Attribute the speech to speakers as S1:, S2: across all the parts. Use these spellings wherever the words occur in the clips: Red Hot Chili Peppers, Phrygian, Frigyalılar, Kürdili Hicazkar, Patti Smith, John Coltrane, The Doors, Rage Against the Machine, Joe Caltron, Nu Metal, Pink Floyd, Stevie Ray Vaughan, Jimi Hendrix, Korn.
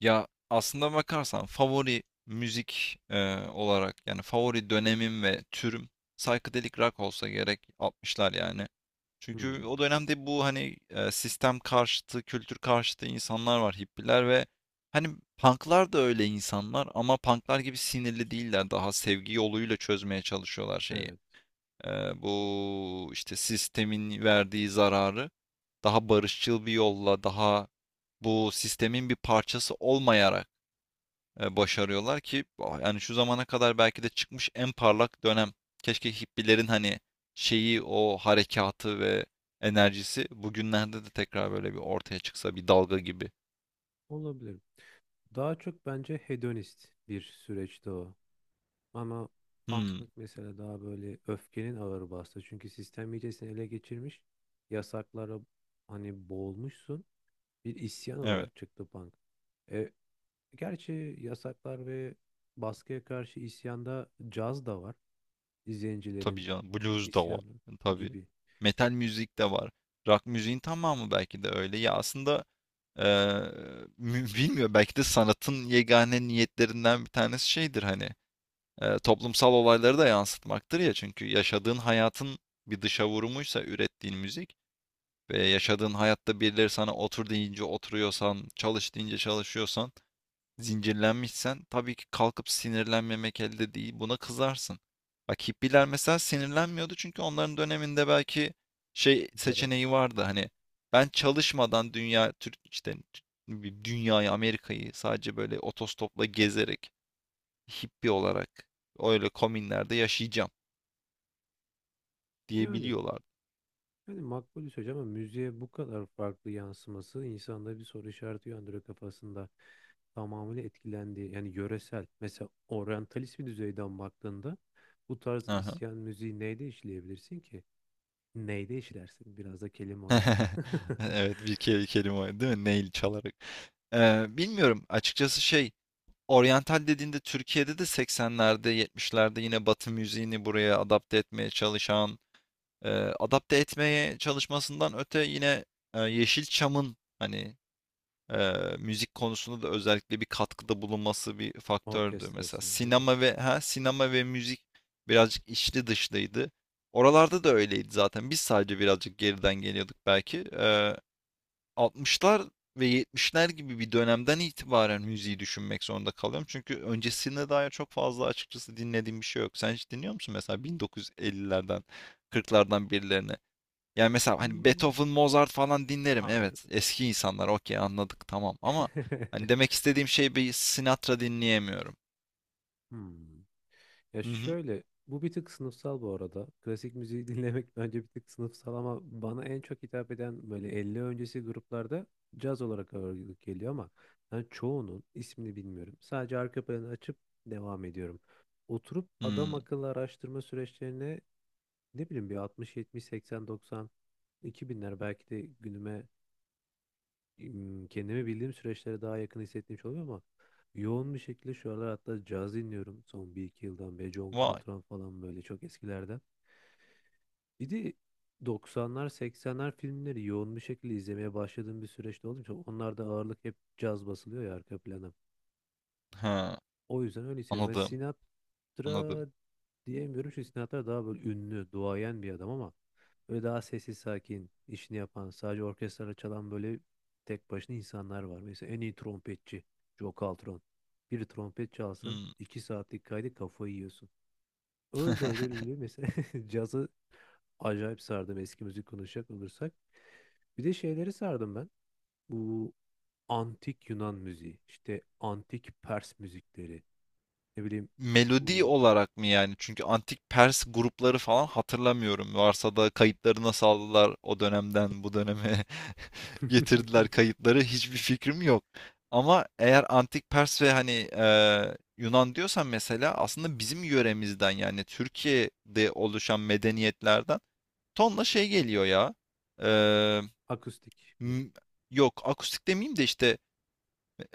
S1: Ya aslında bakarsan favori müzik olarak yani favori dönemim ve türüm psychedelic rock olsa gerek 60'lar yani. Çünkü
S2: Hmm,
S1: o dönemde bu hani sistem karşıtı, kültür karşıtı insanlar var, hippiler ve hani punklar da öyle insanlar ama punklar gibi sinirli değiller. Daha sevgi yoluyla çözmeye çalışıyorlar şeyi.
S2: evet.
S1: E, Bu işte sistemin verdiği zararı daha barışçıl bir yolla, daha bu sistemin bir parçası olmayarak başarıyorlar ki ah, yani şu zamana kadar belki de çıkmış en parlak dönem. Keşke hippilerin hani şeyi o harekatı ve enerjisi bugünlerde de tekrar böyle bir ortaya çıksa bir dalga gibi.
S2: Olabilir. Daha çok bence hedonist bir süreçti o. Ama
S1: Hmm,
S2: punklık mesela daha böyle öfkenin ağır bastı. Çünkü sistem iyice ele geçirmiş. Yasaklara hani boğulmuşsun. Bir isyan
S1: evet,
S2: olarak çıktı punk. E, Gerçi yasaklar ve baskıya karşı isyanda caz da var.
S1: tabii
S2: İzleyicilerin
S1: canım, blues da var,
S2: isyanı
S1: tabii.
S2: gibi.
S1: Metal müzik de var. Rock müziğin tamamı belki de öyle. Ya aslında
S2: İs-
S1: eee, bilmiyorum, belki de sanatın yegane niyetlerinden bir tanesi şeydir hani toplumsal olayları da yansıtmaktır ya. Çünkü yaşadığın hayatın bir dışa vurumuysa ürettiğin müzik ve yaşadığın hayatta birileri sana otur deyince oturuyorsan, çalış deyince çalışıyorsan, zincirlenmişsen tabii ki kalkıp sinirlenmemek elde değil. Buna kızarsın. Bak hippiler mesela sinirlenmiyordu çünkü onların döneminde belki şey
S2: Sigara.
S1: seçeneği vardı
S2: Evet.
S1: hani ben çalışmadan dünya Türk işte bir dünyayı Amerika'yı sadece böyle otostopla gezerek hippi olarak öyle komünlerde yaşayacağım
S2: Yani
S1: diyebiliyorlardı.
S2: Yani, makbul bir söz ama müziğe bu kadar farklı yansıması insanda bir soru işareti uyandırıyor kafasında. Tamamıyla etkilendiği yani yöresel mesela oryantalist bir düzeyden baktığında bu tarz
S1: Aha.
S2: isyan müziği neyde işleyebilirsin ki? Neyde işlersin? Biraz da kelime oyunu.
S1: Evet, bir kelime o, değil mi? Nail çalarak. Bilmiyorum açıkçası, şey, oryantal dediğinde Türkiye'de de 80'lerde 70'lerde yine Batı müziğini buraya adapte etmeye çalışan, e, adapte etmeye çalışmasından öte yine Yeşilçam'ın hani müzik konusunda da özellikle bir katkıda bulunması bir faktördü. Mesela
S2: Orkestrası değil mi?
S1: sinema ve sinema ve müzik birazcık içli dışlıydı. Oralarda da öyleydi zaten. Biz sadece birazcık geriden geliyorduk belki. 60'lar ve yetmişler gibi bir dönemden itibaren müziği düşünmek zorunda kalıyorum. Çünkü öncesine dair çok fazla açıkçası dinlediğim bir şey yok. Sen hiç dinliyor musun mesela 1950'lerden, 40'lardan birilerini? Yani mesela hani
S2: İsmi...
S1: Beethoven, Mozart falan dinlerim.
S2: Hayır.
S1: Evet, eski insanlar, okey, anladık tamam ama hani demek istediğim şey, bir Sinatra dinleyemiyorum.
S2: Hmm. Ya
S1: Hı hı.
S2: şöyle, bu bir tık sınıfsal bu arada. Klasik müziği dinlemek bence bir tık sınıfsal ama bana en çok hitap eden böyle 50 öncesi gruplarda caz olarak ağırlık geliyor ama ben çoğunun ismini bilmiyorum. Sadece arka planı açıp devam ediyorum. Oturup adam
S1: Hmm.
S2: akıllı araştırma süreçlerine ne bileyim bir 60, 70, 80, 90, 2000'ler belki de günüme kendimi bildiğim süreçlere daha yakın hissettiğim şey oluyor ama yoğun bir şekilde şu aralar hatta caz dinliyorum son bir iki yıldan beri John
S1: Vay.
S2: Coltrane falan böyle çok eskilerden. Bir de 90'lar 80'ler filmleri yoğun bir şekilde izlemeye başladığım bir süreçte olduğum için onlarda ağırlık hep caz basılıyor ya arka plana.
S1: Ha,
S2: O yüzden öyle hissediyorum. Yani
S1: anladım. Anladım.
S2: Sinatra diyemiyorum çünkü Sinatra daha böyle ünlü, duayen bir adam ama böyle daha sessiz sakin, işini yapan, sadece orkestrayla çalan böyle tek başına insanlar var. Mesela en iyi trompetçi Joe Caltron. Bir trompet çalsın,
S1: Hmm.
S2: 2 saatlik kaydı kafayı yiyorsun. Öyle öyle öyle öyle, mesela cazı acayip sardım eski müzik konuşacak olursak. Bir de şeyleri sardım ben. Bu antik Yunan müziği, işte antik Pers müzikleri, ne bileyim
S1: Melodi
S2: bu
S1: olarak mı yani? Çünkü antik Pers grupları falan hatırlamıyorum. Varsa da kayıtları nasıl aldılar o dönemden bu döneme getirdiler, kayıtları hiçbir fikrim yok. Ama eğer antik Pers ve hani Yunan diyorsan, mesela aslında bizim yöremizden, yani Türkiye'de oluşan medeniyetlerden tonla şey geliyor ya. E,
S2: akustik mi?
S1: m- Yok, akustik demeyeyim de işte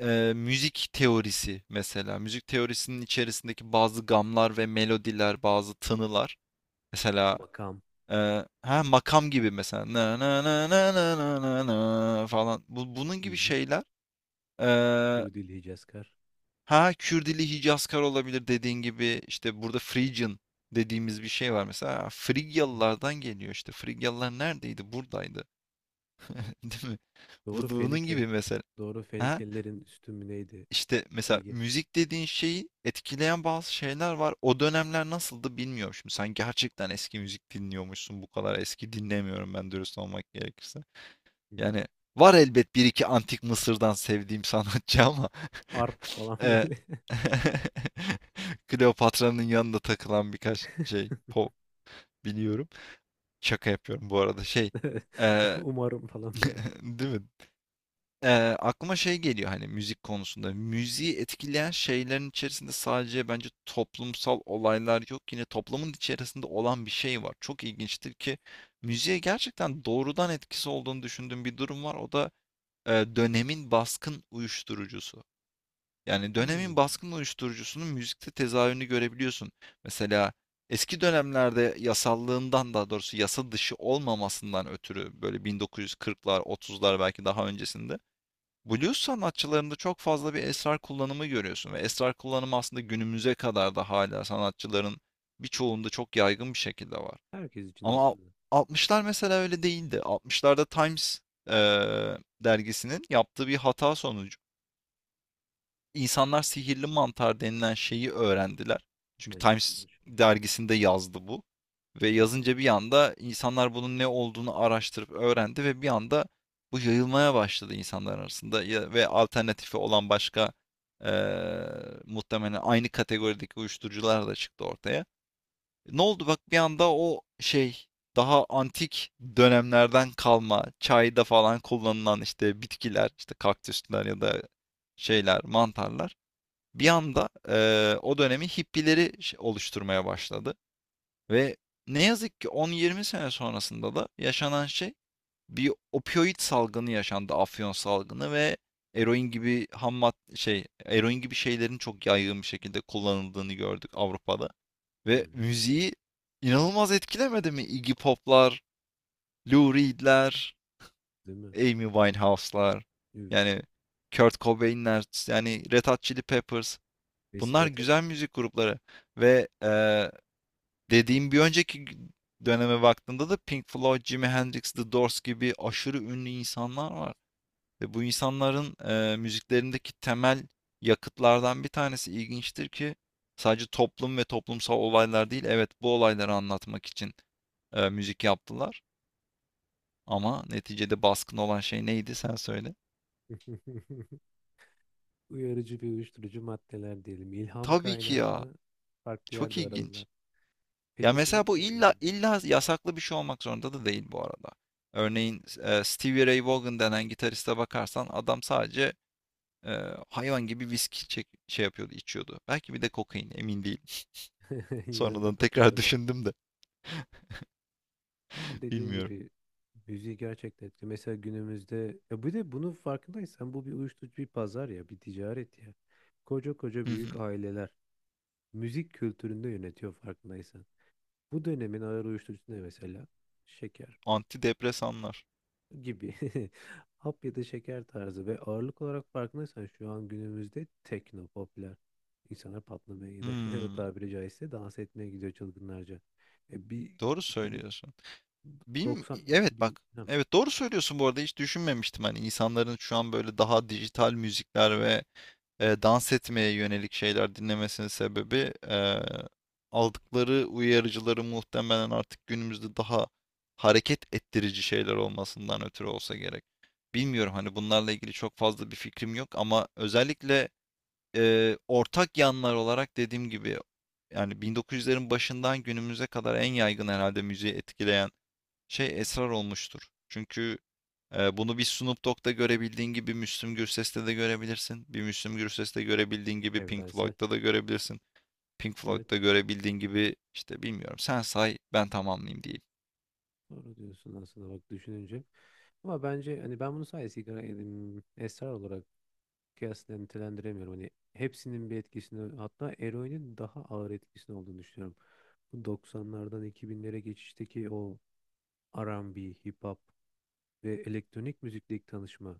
S1: Müzik teorisi mesela. Müzik teorisinin içerisindeki bazı gamlar ve melodiler, bazı tınılar. Mesela
S2: Makam.
S1: ha, makam gibi mesela, na na na na na na na na falan. Bu, bunun
S2: Hı
S1: gibi
S2: hı.
S1: şeyler. eee,
S2: Kürdili Hicazkar.
S1: ha Kürdili Hicazkar olabilir dediğin gibi. İşte burada Phrygian dediğimiz bir şey var mesela.
S2: Hı hı.
S1: Frigyalılardan geliyor işte. Frigyalılar neredeydi? Buradaydı. Değil mi?
S2: Doğru
S1: Bunun
S2: Fenike.
S1: gibi mesela.
S2: Doğru
S1: ha
S2: Fenikelilerin üstün mü neydi?
S1: İşte mesela
S2: Ege.
S1: müzik dediğin şeyi etkileyen bazı şeyler var. O dönemler nasıldı bilmiyorum şimdi. Sen gerçekten eski müzik dinliyormuşsun. Bu kadar eski dinlemiyorum ben, dürüst olmak gerekirse.
S2: Hı hı.
S1: Yani var elbet bir iki antik Mısır'dan sevdiğim sanatçı ama
S2: Arp falan
S1: e,
S2: böyle.
S1: Kleopatra'nın yanında takılan birkaç şey pop biliyorum. Şaka yapıyorum bu arada. Şey, e,
S2: Umarım falan böyle.
S1: değil mi? Ee, Aklıma şey geliyor hani müzik konusunda. Müziği etkileyen şeylerin içerisinde sadece bence toplumsal olaylar yok. Yine toplumun içerisinde olan bir şey var. Çok ilginçtir ki müziğe gerçekten doğrudan etkisi olduğunu düşündüğüm bir durum var. O da dönemin baskın uyuşturucusu. Yani
S2: Hmm.
S1: dönemin baskın uyuşturucusunun müzikte tezahürünü görebiliyorsun. Mesela eski dönemlerde yasallığından, daha doğrusu yasa dışı olmamasından ötürü, böyle 1940'lar, 30'lar, belki daha öncesinde Blues sanatçılarında çok fazla bir esrar kullanımı görüyorsun ve esrar kullanımı aslında günümüze kadar da hala sanatçıların birçoğunda çok yaygın bir şekilde var.
S2: Herkes için
S1: Ama al-
S2: aslında.
S1: 60'lar mesela öyle değildi. 60'larda Times dergisinin yaptığı bir hata sonucu İnsanlar sihirli mantar denilen şeyi öğrendiler. Çünkü
S2: Ne
S1: Times
S2: çıkıyor? Şu an?
S1: dergisinde yazdı bu. Ve
S2: Hı hı.
S1: yazınca bir anda insanlar bunun ne olduğunu araştırıp öğrendi ve bir anda bu yayılmaya başladı insanlar arasında. Ve alternatifi olan başka eee, muhtemelen aynı kategorideki uyuşturucular da çıktı ortaya. Ne oldu bak, bir anda o şey, daha antik dönemlerden kalma çayda falan kullanılan işte bitkiler, işte kaktüsler ya da şeyler, mantarlar, bir anda o dönemi hippileri oluşturmaya başladı. Ve ne yazık ki 10-20 sene sonrasında da yaşanan şey, bir opioid salgını yaşandı. Afyon salgını ve eroin gibi ham mad- şey eroin gibi şeylerin çok yaygın bir şekilde kullanıldığını gördük Avrupa'da.
S2: Hı
S1: Ve
S2: hı.
S1: müziği inanılmaz etkilemedi mi? Iggy Pop'lar, Lou Reed'ler,
S2: Değil mi?
S1: Amy Winehouse'lar,
S2: Üf.
S1: yani Kurt Cobain'ler, yani Red Hot Chili Peppers. Bunlar
S2: Besibetek.
S1: güzel müzik grupları ve dediğim bir önceki döneme baktığında da Pink Floyd, Jimi Hendrix, The Doors gibi aşırı ünlü insanlar var. Ve bu insanların müziklerindeki temel yakıtlardan bir tanesi, ilginçtir ki, sadece toplum ve toplumsal olaylar değil. Evet, bu olayları anlatmak için müzik yaptılar. Ama neticede baskın olan şey neydi, sen söyle.
S2: Uyarıcı ve uyuşturucu maddeler diyelim. İlham
S1: Tabii ki ya.
S2: kaynağını farklı
S1: Çok
S2: yerde
S1: ilginç.
S2: aradılar.
S1: Ya
S2: Patti
S1: mesela
S2: Smith
S1: bu
S2: de
S1: illa
S2: öyleydi.
S1: illa yasaklı bir şey olmak zorunda da değil bu arada. Örneğin Stevie Ray Vaughan denen gitariste bakarsan, adam sadece e, hayvan gibi viski çek, şey yapıyordu, içiyordu. Belki bir de kokain, emin değilim.
S2: Yanında
S1: Sonradan
S2: paket
S1: tekrar
S2: olarak.
S1: düşündüm de
S2: Ama dediğin
S1: bilmiyorum.
S2: gibi müziği gerçekten etkili. Mesela günümüzde ya bir de bunun farkındaysan bu bir uyuşturucu bir pazar ya bir ticaret ya. Koca koca
S1: Hı hı.
S2: büyük aileler müzik kültüründe yönetiyor farkındaysan. Bu dönemin ağır uyuşturucusu ne mesela? Şeker
S1: Antidepresanlar.
S2: gibi. Hap ya da şeker tarzı ve ağırlık olarak farkındaysan şu an günümüzde tekno popüler. İnsanlar patlamaya gidiyor. O
S1: Hmm,
S2: tabiri caizse dans etmeye gidiyor çılgınlarca. E bir
S1: doğru
S2: 2090
S1: söylüyorsun. Bim, evet,
S2: 2000
S1: bak.
S2: ha,
S1: Evet, doğru söylüyorsun, bu arada hiç düşünmemiştim hani insanların şu an böyle daha dijital müzikler ve dans etmeye yönelik şeyler dinlemesinin sebebi, aldıkları uyarıcıları muhtemelen artık günümüzde daha hareket ettirici şeyler olmasından ötürü olsa gerek. Bilmiyorum hani bunlarla ilgili çok fazla bir fikrim yok ama özellikle ortak yanlar olarak dediğim gibi, yani 1900'lerin başından günümüze kadar en yaygın herhalde müziği etkileyen şey esrar olmuştur. Çünkü bunu bir Snoop Dogg'da görebildiğin gibi Müslüm Gürses'te de görebilirsin. Bir Müslüm Gürses'te görebildiğin gibi Pink
S2: evrensel.
S1: Floyd'da da görebilirsin. Pink
S2: Evet.
S1: Floyd'da görebildiğin gibi işte bilmiyorum. Sen say ben tamamlayayım diyeyim.
S2: Doğru diyorsun aslında bak düşününce. Ama bence hani ben bunu sadece sigara edim, esrar olarak kıyasla nitelendiremiyorum. Hani hepsinin bir etkisini hatta eroinin daha ağır etkisini olduğunu düşünüyorum. Bu 90'lardan 2000'lere geçişteki o R&B, hip hop ve elektronik müzikteki tanışma.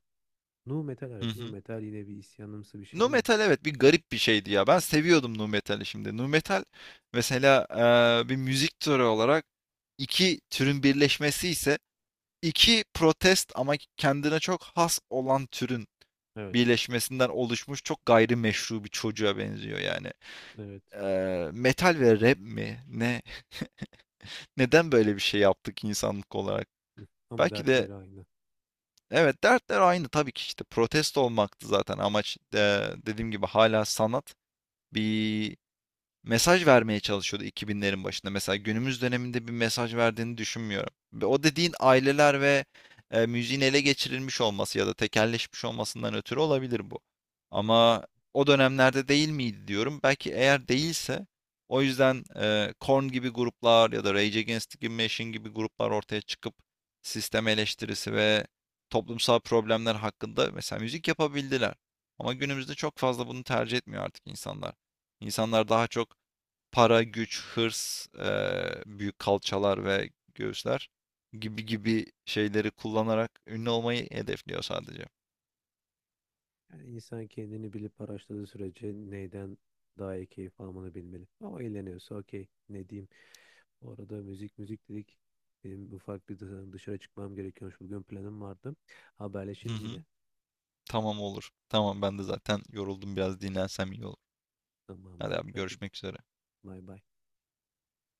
S2: Nu metal
S1: Hı
S2: hariç. Nu
S1: hı.
S2: metal yine bir isyanımsı bir şey
S1: Nu
S2: ama.
S1: Metal, evet, bir garip bir şeydi ya. Ben seviyordum Nu Metal'i şimdi. Nu Metal mesela bir müzik türü olarak iki türün birleşmesi ise, iki protest ama kendine çok has olan türün
S2: Evet.
S1: birleşmesinden oluşmuş çok gayrimeşru bir çocuğa benziyor yani.
S2: Evet.
S1: Metal ve rap mi? Ne? Neden böyle bir şey yaptık insanlık olarak?
S2: Ama
S1: Belki de,
S2: dertleri aynı.
S1: evet, dertler aynı tabii ki, işte protesto olmaktı zaten amaç. Dediğim gibi hala sanat bir mesaj vermeye çalışıyordu 2000'lerin başında. Mesela günümüz döneminde bir mesaj verdiğini düşünmüyorum. Ve o dediğin aileler ve müziğin ele geçirilmiş olması ya da tekelleşmiş olmasından ötürü olabilir bu. Ama o dönemlerde değil miydi diyorum. Belki eğer değilse o yüzden Korn gibi gruplar ya da Rage Against the Machine gibi gruplar ortaya çıkıp sistem eleştirisi ve toplumsal problemler hakkında mesela müzik yapabildiler. Ama günümüzde çok fazla bunu tercih etmiyor artık insanlar. İnsanlar daha çok para, güç, hırs, büyük kalçalar ve göğüsler gibi gibi şeyleri kullanarak ünlü olmayı hedefliyor sadece.
S2: Yani insan kendini bilip araştırdığı sürece neyden daha iyi keyif almanı bilmeli. Ama eğleniyorsa okey ne diyeyim. Bu arada müzik müzik dedik. Benim ufak bir dışarı çıkmam gerekiyormuş. Bugün planım vardı.
S1: Hı
S2: Haberleşiriz yine.
S1: hı. Tamam, olur. Tamam, ben de zaten yoruldum, biraz dinlensem iyi olur. Hadi
S2: Tamamdır.
S1: abi,
S2: Hadi
S1: görüşmek üzere.
S2: bay bay.